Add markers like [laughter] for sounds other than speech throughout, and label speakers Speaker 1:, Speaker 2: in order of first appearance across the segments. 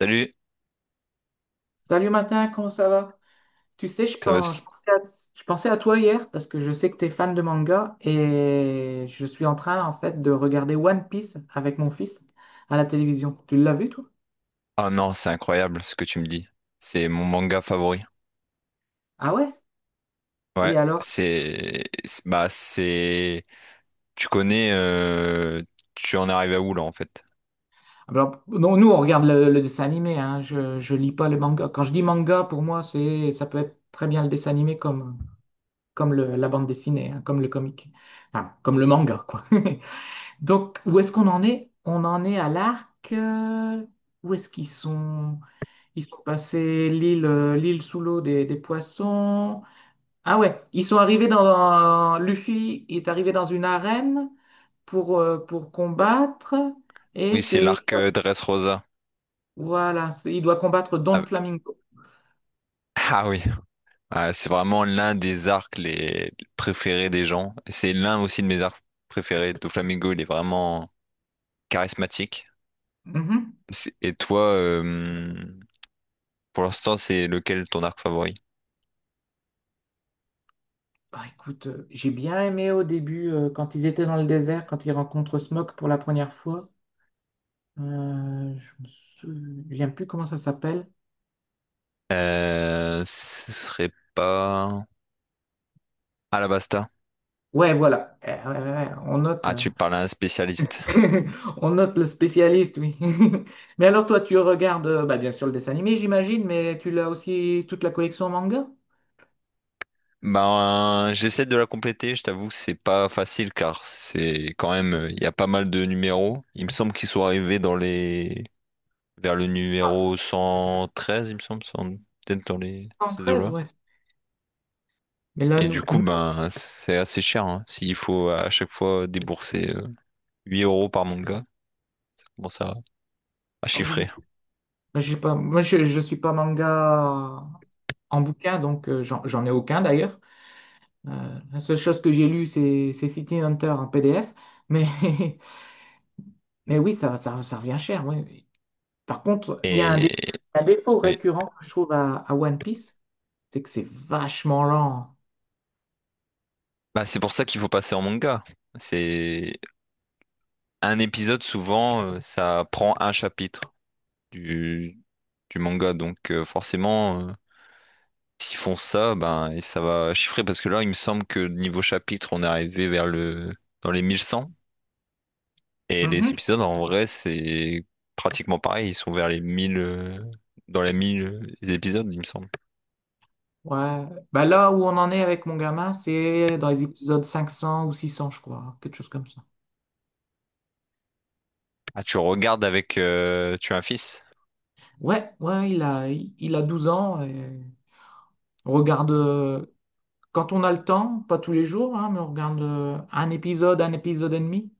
Speaker 1: Salut,
Speaker 2: Salut matin, comment ça va? Tu sais,
Speaker 1: ça va?
Speaker 2: je pensais je pensais à toi hier parce que je sais que tu es fan de manga et je suis en train en fait de regarder One Piece avec mon fils à la télévision. Tu l'as vu toi?
Speaker 1: Ah non, c'est incroyable ce que tu me dis. C'est mon manga favori.
Speaker 2: Ah ouais?
Speaker 1: Ouais,
Speaker 2: Et alors?
Speaker 1: bah c'est tu connais tu en arrives à où là en fait?
Speaker 2: Alors, non, nous on regarde le dessin animé, hein. Je lis pas le manga. Quand je dis manga, pour moi, ça peut être très bien le dessin animé comme, la bande dessinée, hein, comme le comic, enfin, comme le manga, quoi. [laughs] Donc, où est-ce qu'on en est? On en est à l'arc. Où est-ce qu'ils sont? Ils sont passés l'île l'île sous l'eau des poissons. Ah ouais, ils sont arrivés dans... Luffy est arrivé dans une arène pour combattre. Et
Speaker 1: Oui, c'est
Speaker 2: c'est...
Speaker 1: l'arc Dressrosa.
Speaker 2: Voilà, il doit combattre Don
Speaker 1: Ah,
Speaker 2: Flamingo.
Speaker 1: ah oui, ah, c'est vraiment l'un des arcs les préférés des gens. C'est l'un aussi de mes arcs préférés. Doflamingo, il est vraiment charismatique.
Speaker 2: Mhm.
Speaker 1: Et toi, pour l'instant, c'est lequel ton arc favori?
Speaker 2: Bah, écoute, j'ai bien aimé au début quand ils étaient dans le désert, quand ils rencontrent Smoke pour la première fois. Je me souviens plus comment ça s'appelle.
Speaker 1: Ce serait pas. Alabasta.
Speaker 2: Ouais, voilà. Eh, ouais, on note,
Speaker 1: Ah, tu parles à un spécialiste.
Speaker 2: [laughs] on note le spécialiste, oui. [laughs] Mais alors, toi, tu regardes, bah, bien sûr, le dessin animé, j'imagine, mais tu l'as aussi toute la collection en manga?
Speaker 1: Ben, j'essaie de la compléter, je t'avoue que c'est pas facile car c'est quand même, il y a pas mal de numéros. Il me semble qu'ils sont arrivés dans les, vers le numéro
Speaker 2: Ah,
Speaker 1: 113, il me semble, 100 peut-être dans les,
Speaker 2: cent
Speaker 1: ces
Speaker 2: treize
Speaker 1: eaux-là.
Speaker 2: ouais. Mais là,
Speaker 1: Et du coup,
Speaker 2: nous-
Speaker 1: ben, c'est assez cher, hein. S'il faut à chaque fois débourser 8 € par manga, bon, ça, à
Speaker 2: ah oui,
Speaker 1: chiffrer
Speaker 2: j'ai pas, je suis pas manga en bouquin, donc j'en ai aucun d'ailleurs. La seule chose que j'ai lue, c'est City Hunter en PDF, mais, [laughs] mais oui, ça revient cher. Ouais. Par contre, il y a un, dé-
Speaker 1: et
Speaker 2: un défaut
Speaker 1: oui.
Speaker 2: récurrent que je trouve à One Piece, tu sais que c'est vachement lent.
Speaker 1: Bah, c'est pour ça qu'il faut passer en manga. C'est un épisode souvent ça prend un chapitre du du manga donc forcément s'ils font ça, ben, et ça va chiffrer parce que là, il me semble que niveau chapitre, on est arrivé vers le dans les 1100 et les
Speaker 2: Mhm.
Speaker 1: épisodes en vrai, c'est pratiquement pareil, ils sont vers les 1 000 dans les 1 000 épisodes, il me semble.
Speaker 2: Ouais. Bah là où on en est avec mon gamin, c'est dans les épisodes 500 ou 600, je crois, quelque chose comme ça.
Speaker 1: Ah, tu regardes avec tu as un fils?
Speaker 2: Ouais, il a, il a 12 ans et on regarde quand on a le temps, pas tous les jours, hein, mais on regarde un épisode et demi.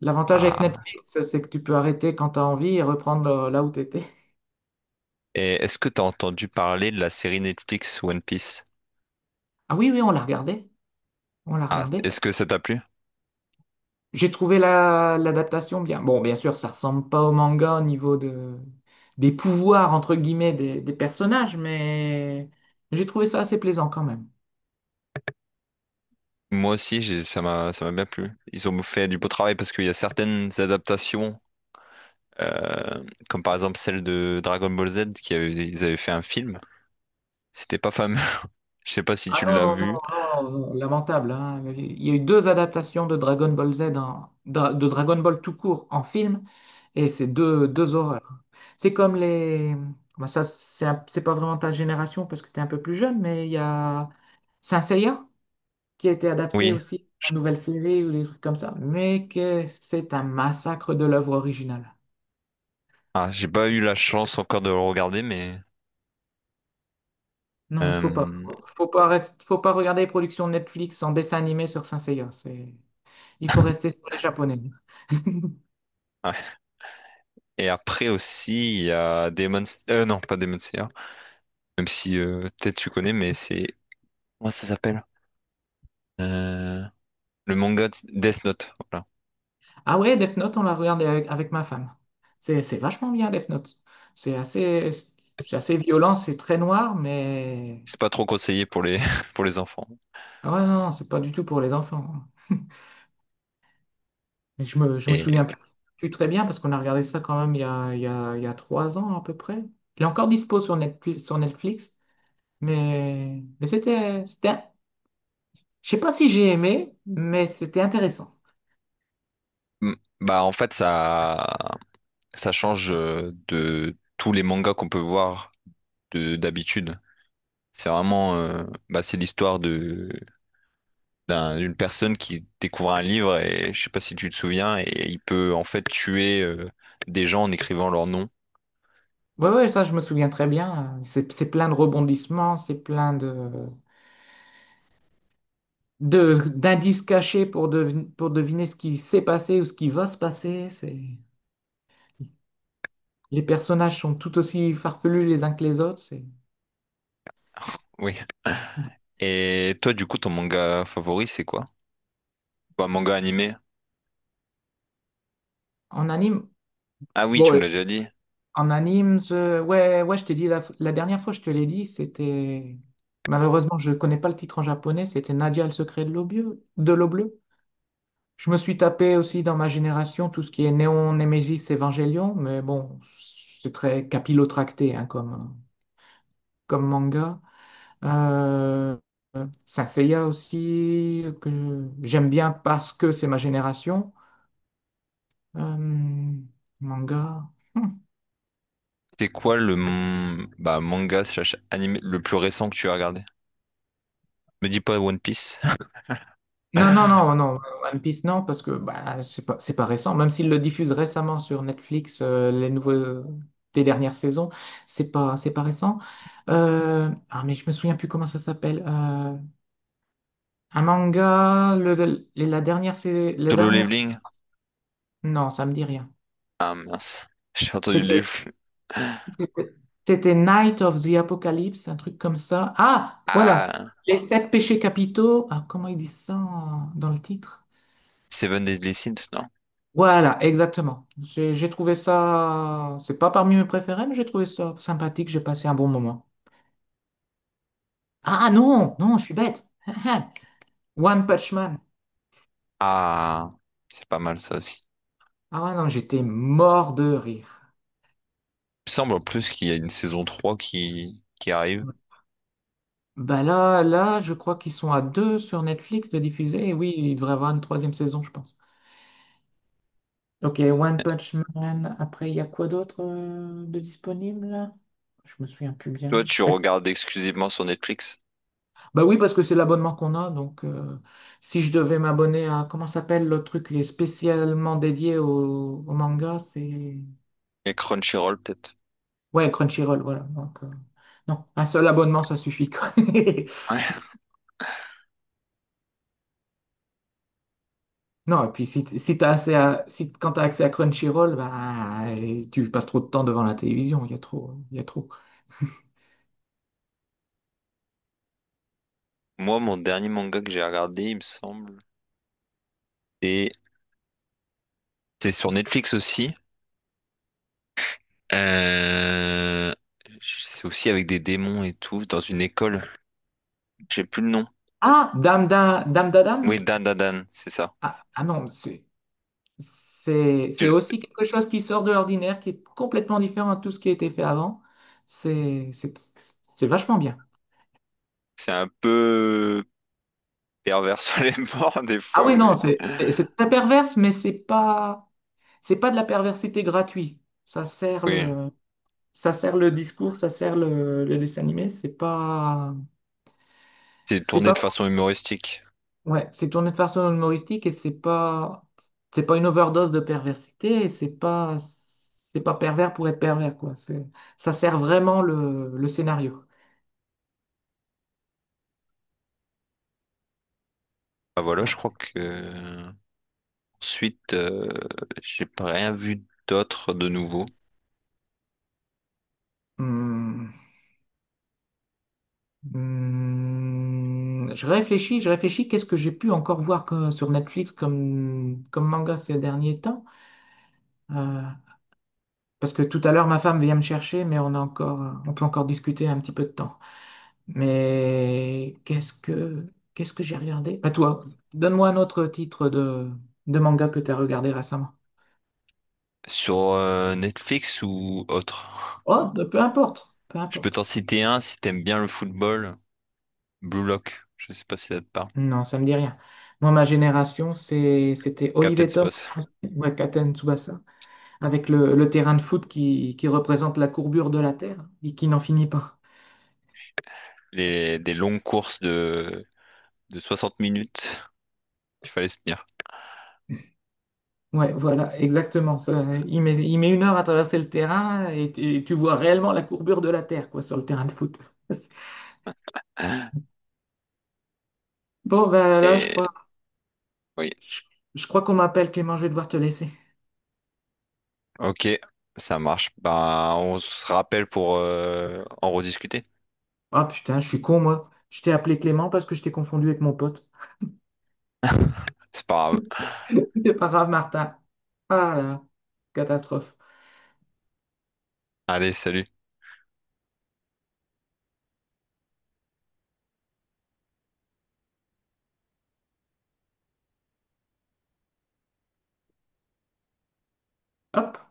Speaker 2: L'avantage avec
Speaker 1: Ah,
Speaker 2: Netflix, c'est que tu peux arrêter quand tu as envie et reprendre là où tu étais.
Speaker 1: et est-ce que tu as entendu parler de la série Netflix One Piece?
Speaker 2: Ah oui, oui, on l'a regardé. On l'a
Speaker 1: Ah,
Speaker 2: regardé.
Speaker 1: est-ce que ça t'a plu?
Speaker 2: J'ai trouvé l'adaptation bien. Bon, bien sûr, ça ressemble pas au manga au niveau de, des pouvoirs, entre guillemets, des personnages, mais j'ai trouvé ça assez plaisant quand même.
Speaker 1: Moi aussi, ça m'a bien plu. Ils ont fait du beau travail parce qu'il y a certaines adaptations Euh, comme par exemple celle de Dragon Ball Z qui avait, ils avaient fait un film. C'était pas fameux. [laughs] Je sais pas si
Speaker 2: Ah
Speaker 1: tu l'as vu.
Speaker 2: non, lamentable, hein. Il y a eu deux adaptations de Dragon Ball Z, de Dragon Ball tout court en film, et c'est deux horreurs. C'est comme les... bah, ça, c'est pas vraiment ta génération parce que tu es un peu plus jeune, mais il y a Saint Seiya qui a été adapté
Speaker 1: Oui.
Speaker 2: aussi
Speaker 1: Je-
Speaker 2: en nouvelle série ou des trucs comme ça, mais que c'est un massacre de l'œuvre originale.
Speaker 1: Ah, j'ai pas eu la chance encore de le regarder, mais.
Speaker 2: Non, il faut pas,
Speaker 1: euh,
Speaker 2: faut pas regarder les productions Netflix en dessin animé sur Saint Seiya. Il faut
Speaker 1: [laughs]
Speaker 2: rester sur les japonais. [laughs]
Speaker 1: ouais. Et après aussi, il y a Demon. Non, pas Demon Slayer. Même si peut-être tu connais, mais c'est. Comment ça s'appelle? Euh, Le manga de Death Note. Voilà.
Speaker 2: Ah ouais, Death Note, on l'a regardé avec ma femme. C'est vachement bien, Death Note. C'est assez, c'est assez violent, c'est très noir, mais
Speaker 1: C'est pas trop conseillé pour les [laughs] pour les enfants.
Speaker 2: ah ouais, non, non, c'est pas du tout pour les enfants. Et je me
Speaker 1: Et
Speaker 2: souviens plus très bien parce qu'on a regardé ça quand même il y a 3 ans à peu près. Il est encore dispo sur Netflix, c'était, je sais pas si j'ai aimé, mais c'était intéressant.
Speaker 1: mm, bah en fait ça. Ça change de tous les mangas qu'on peut voir de d'habitude. C'est vraiment, bah, c'est l'histoire de d'une personne qui découvre un livre et je sais pas si tu te souviens et il peut en fait tuer des gens en écrivant leur nom.
Speaker 2: Ouais, Ça je me souviens très bien. C'est plein de rebondissements, c'est plein d'indices cachés pour, pour deviner ce qui s'est passé ou ce qui va se passer. C'est, les personnages sont tout aussi farfelus les uns que les autres. C'est,
Speaker 1: Oui. Et toi, du coup, ton manga favori, c'est quoi? Ou un manga animé?
Speaker 2: en anime.
Speaker 1: Ah oui, tu
Speaker 2: Bon,
Speaker 1: me l'as déjà dit.
Speaker 2: en anime, je... je t'ai dit la dernière fois, je te l'ai dit, c'était malheureusement, je connais pas le titre en japonais, c'était Nadia le secret de l'eau bleue, Je me suis tapé aussi dans ma génération tout ce qui est Néon, Nemesis, Evangelion, mais bon, c'est très capillotracté hein, comme, comme manga. Euh, Saint Seiya aussi, que j'aime bien parce que c'est ma génération. Euh, Manga.
Speaker 1: C'est quoi bah, manga slash anime le plus récent que tu as regardé? Me dis pas One Piece. [laughs]
Speaker 2: Non, One Piece, non, parce que bah, c'est pas récent. Même s'ils le diffusent récemment sur Netflix, les nouveaux, des dernières saisons, c'est pas récent. Ah, mais je me souviens plus comment ça s'appelle. Un manga, la dernière, c'est la
Speaker 1: Solo
Speaker 2: dernière.
Speaker 1: Leveling?
Speaker 2: Non, ça me dit rien.
Speaker 1: Ah mince, j'ai entendu les
Speaker 2: C'était,
Speaker 1: flux.
Speaker 2: c'était C'était Night of the Apocalypse, un truc comme ça. Ah, voilà.
Speaker 1: Ah,
Speaker 2: Les sept péchés capitaux. Ah, comment ils disent ça dans le titre?
Speaker 1: Seven Deadly Sins, non?
Speaker 2: Voilà, exactement. J'ai trouvé ça, c'est pas parmi mes préférés, mais j'ai trouvé ça sympathique, j'ai passé un bon moment. Ah non, non, je suis bête. [laughs] One Punch Man.
Speaker 1: Ah, c'est pas mal ça aussi.
Speaker 2: Ah ouais, non, j'étais mort de rire.
Speaker 1: Il me semble en plus qu'il y a une saison 3 qui arrive.
Speaker 2: Bah là, je crois qu'ils sont à deux sur Netflix de diffuser. Et oui, il devrait y avoir une troisième saison, je pense. Ok, One Punch Man. Après, il y a quoi d'autre de disponible là? Je me souviens plus bien.
Speaker 1: Toi, tu regardes exclusivement sur Netflix
Speaker 2: Bah oui, parce que c'est l'abonnement qu'on a. Donc, si je devais m'abonner à, comment s'appelle le truc qui est spécialement dédié au manga, c'est...
Speaker 1: et Crunchyroll peut-être.
Speaker 2: Ouais, Crunchyroll, voilà. Donc, non, un seul abonnement, ça suffit, quoi. [laughs]
Speaker 1: Ouais.
Speaker 2: Non, et puis si, si t'as assez à, si, quand t'as accès à Crunchyroll, bah, et tu passes trop de temps devant la télévision, il y a trop.
Speaker 1: Moi, mon dernier manga que j'ai regardé, il me semble, et c'est sur Netflix aussi. Euh, c'est aussi avec des démons et tout, dans une école. J'ai plus le nom.
Speaker 2: Ah, Dame da Dame?
Speaker 1: Oui, Dan Dan Dan, c'est ça.
Speaker 2: Ah, ah non, c'est
Speaker 1: Je-
Speaker 2: aussi quelque chose qui sort de l'ordinaire, qui est complètement différent de tout ce qui a été fait avant. C'est, c'est, c'est vachement bien.
Speaker 1: C'est un peu pervers [laughs] sur les bords des
Speaker 2: Ah
Speaker 1: fois,
Speaker 2: oui, non,
Speaker 1: mais
Speaker 2: c'est très perverse, mais c'est pas de la perversité gratuite. Ça sert
Speaker 1: oui.
Speaker 2: le, Ça sert le discours, ça sert le dessin animé.
Speaker 1: C'est
Speaker 2: C'est
Speaker 1: tourné de
Speaker 2: pas,
Speaker 1: façon humoristique.
Speaker 2: Ouais, c'est tourné de façon humoristique et c'est pas une overdose de perversité. C'est pas pervers pour être pervers, quoi. C'est, ça sert vraiment le scénario.
Speaker 1: Ah voilà,
Speaker 2: Et
Speaker 1: je crois
Speaker 2: après,
Speaker 1: que ensuite, j'ai pas rien vu d'autre de nouveau
Speaker 2: hmm. Hmm. Je réfléchis. Qu'est-ce que j'ai pu encore voir que- Sur Netflix comme, comme manga ces derniers temps? Euh, Parce que tout à l'heure, ma femme vient me chercher, mais on peut encore discuter un petit peu de temps. Mais qu'est-ce que j'ai regardé? Bah toi, donne-moi un autre titre de manga que tu as regardé récemment.
Speaker 1: sur Netflix ou autre.
Speaker 2: Oh, bah, peu importe, peu
Speaker 1: Je peux t'en
Speaker 2: importe.
Speaker 1: citer un si t'aimes bien le football. Blue Lock, je sais pas si ça te parle.
Speaker 2: Non, ça me dit rien. Moi, ma génération, c'était Olive
Speaker 1: Captain
Speaker 2: et Tom, en
Speaker 1: Space.
Speaker 2: français, ouais, Katen Tsubasa, avec le terrain de foot qui représente la courbure de la Terre et qui n'en finit pas.
Speaker 1: Les, des longues courses de, 60 minutes. Il fallait se tenir.
Speaker 2: Ouais, voilà, exactement. Ça, il met 1 heure à traverser le terrain et tu vois réellement la courbure de la Terre, quoi, sur le terrain de foot. [laughs] Bon, ben là,
Speaker 1: Et oui,
Speaker 2: je, je crois qu'on m'appelle Clément, je vais devoir te laisser.
Speaker 1: ok, ça marche. Ben, on se rappelle pour en rediscuter.
Speaker 2: Ah putain, je suis con, moi. Je t'ai appelé Clément parce que je t'ai confondu avec mon pote.
Speaker 1: C'est pas grave.
Speaker 2: [laughs] C'est pas grave, Martin. Ah là, catastrophe.
Speaker 1: Allez, salut.
Speaker 2: Hop.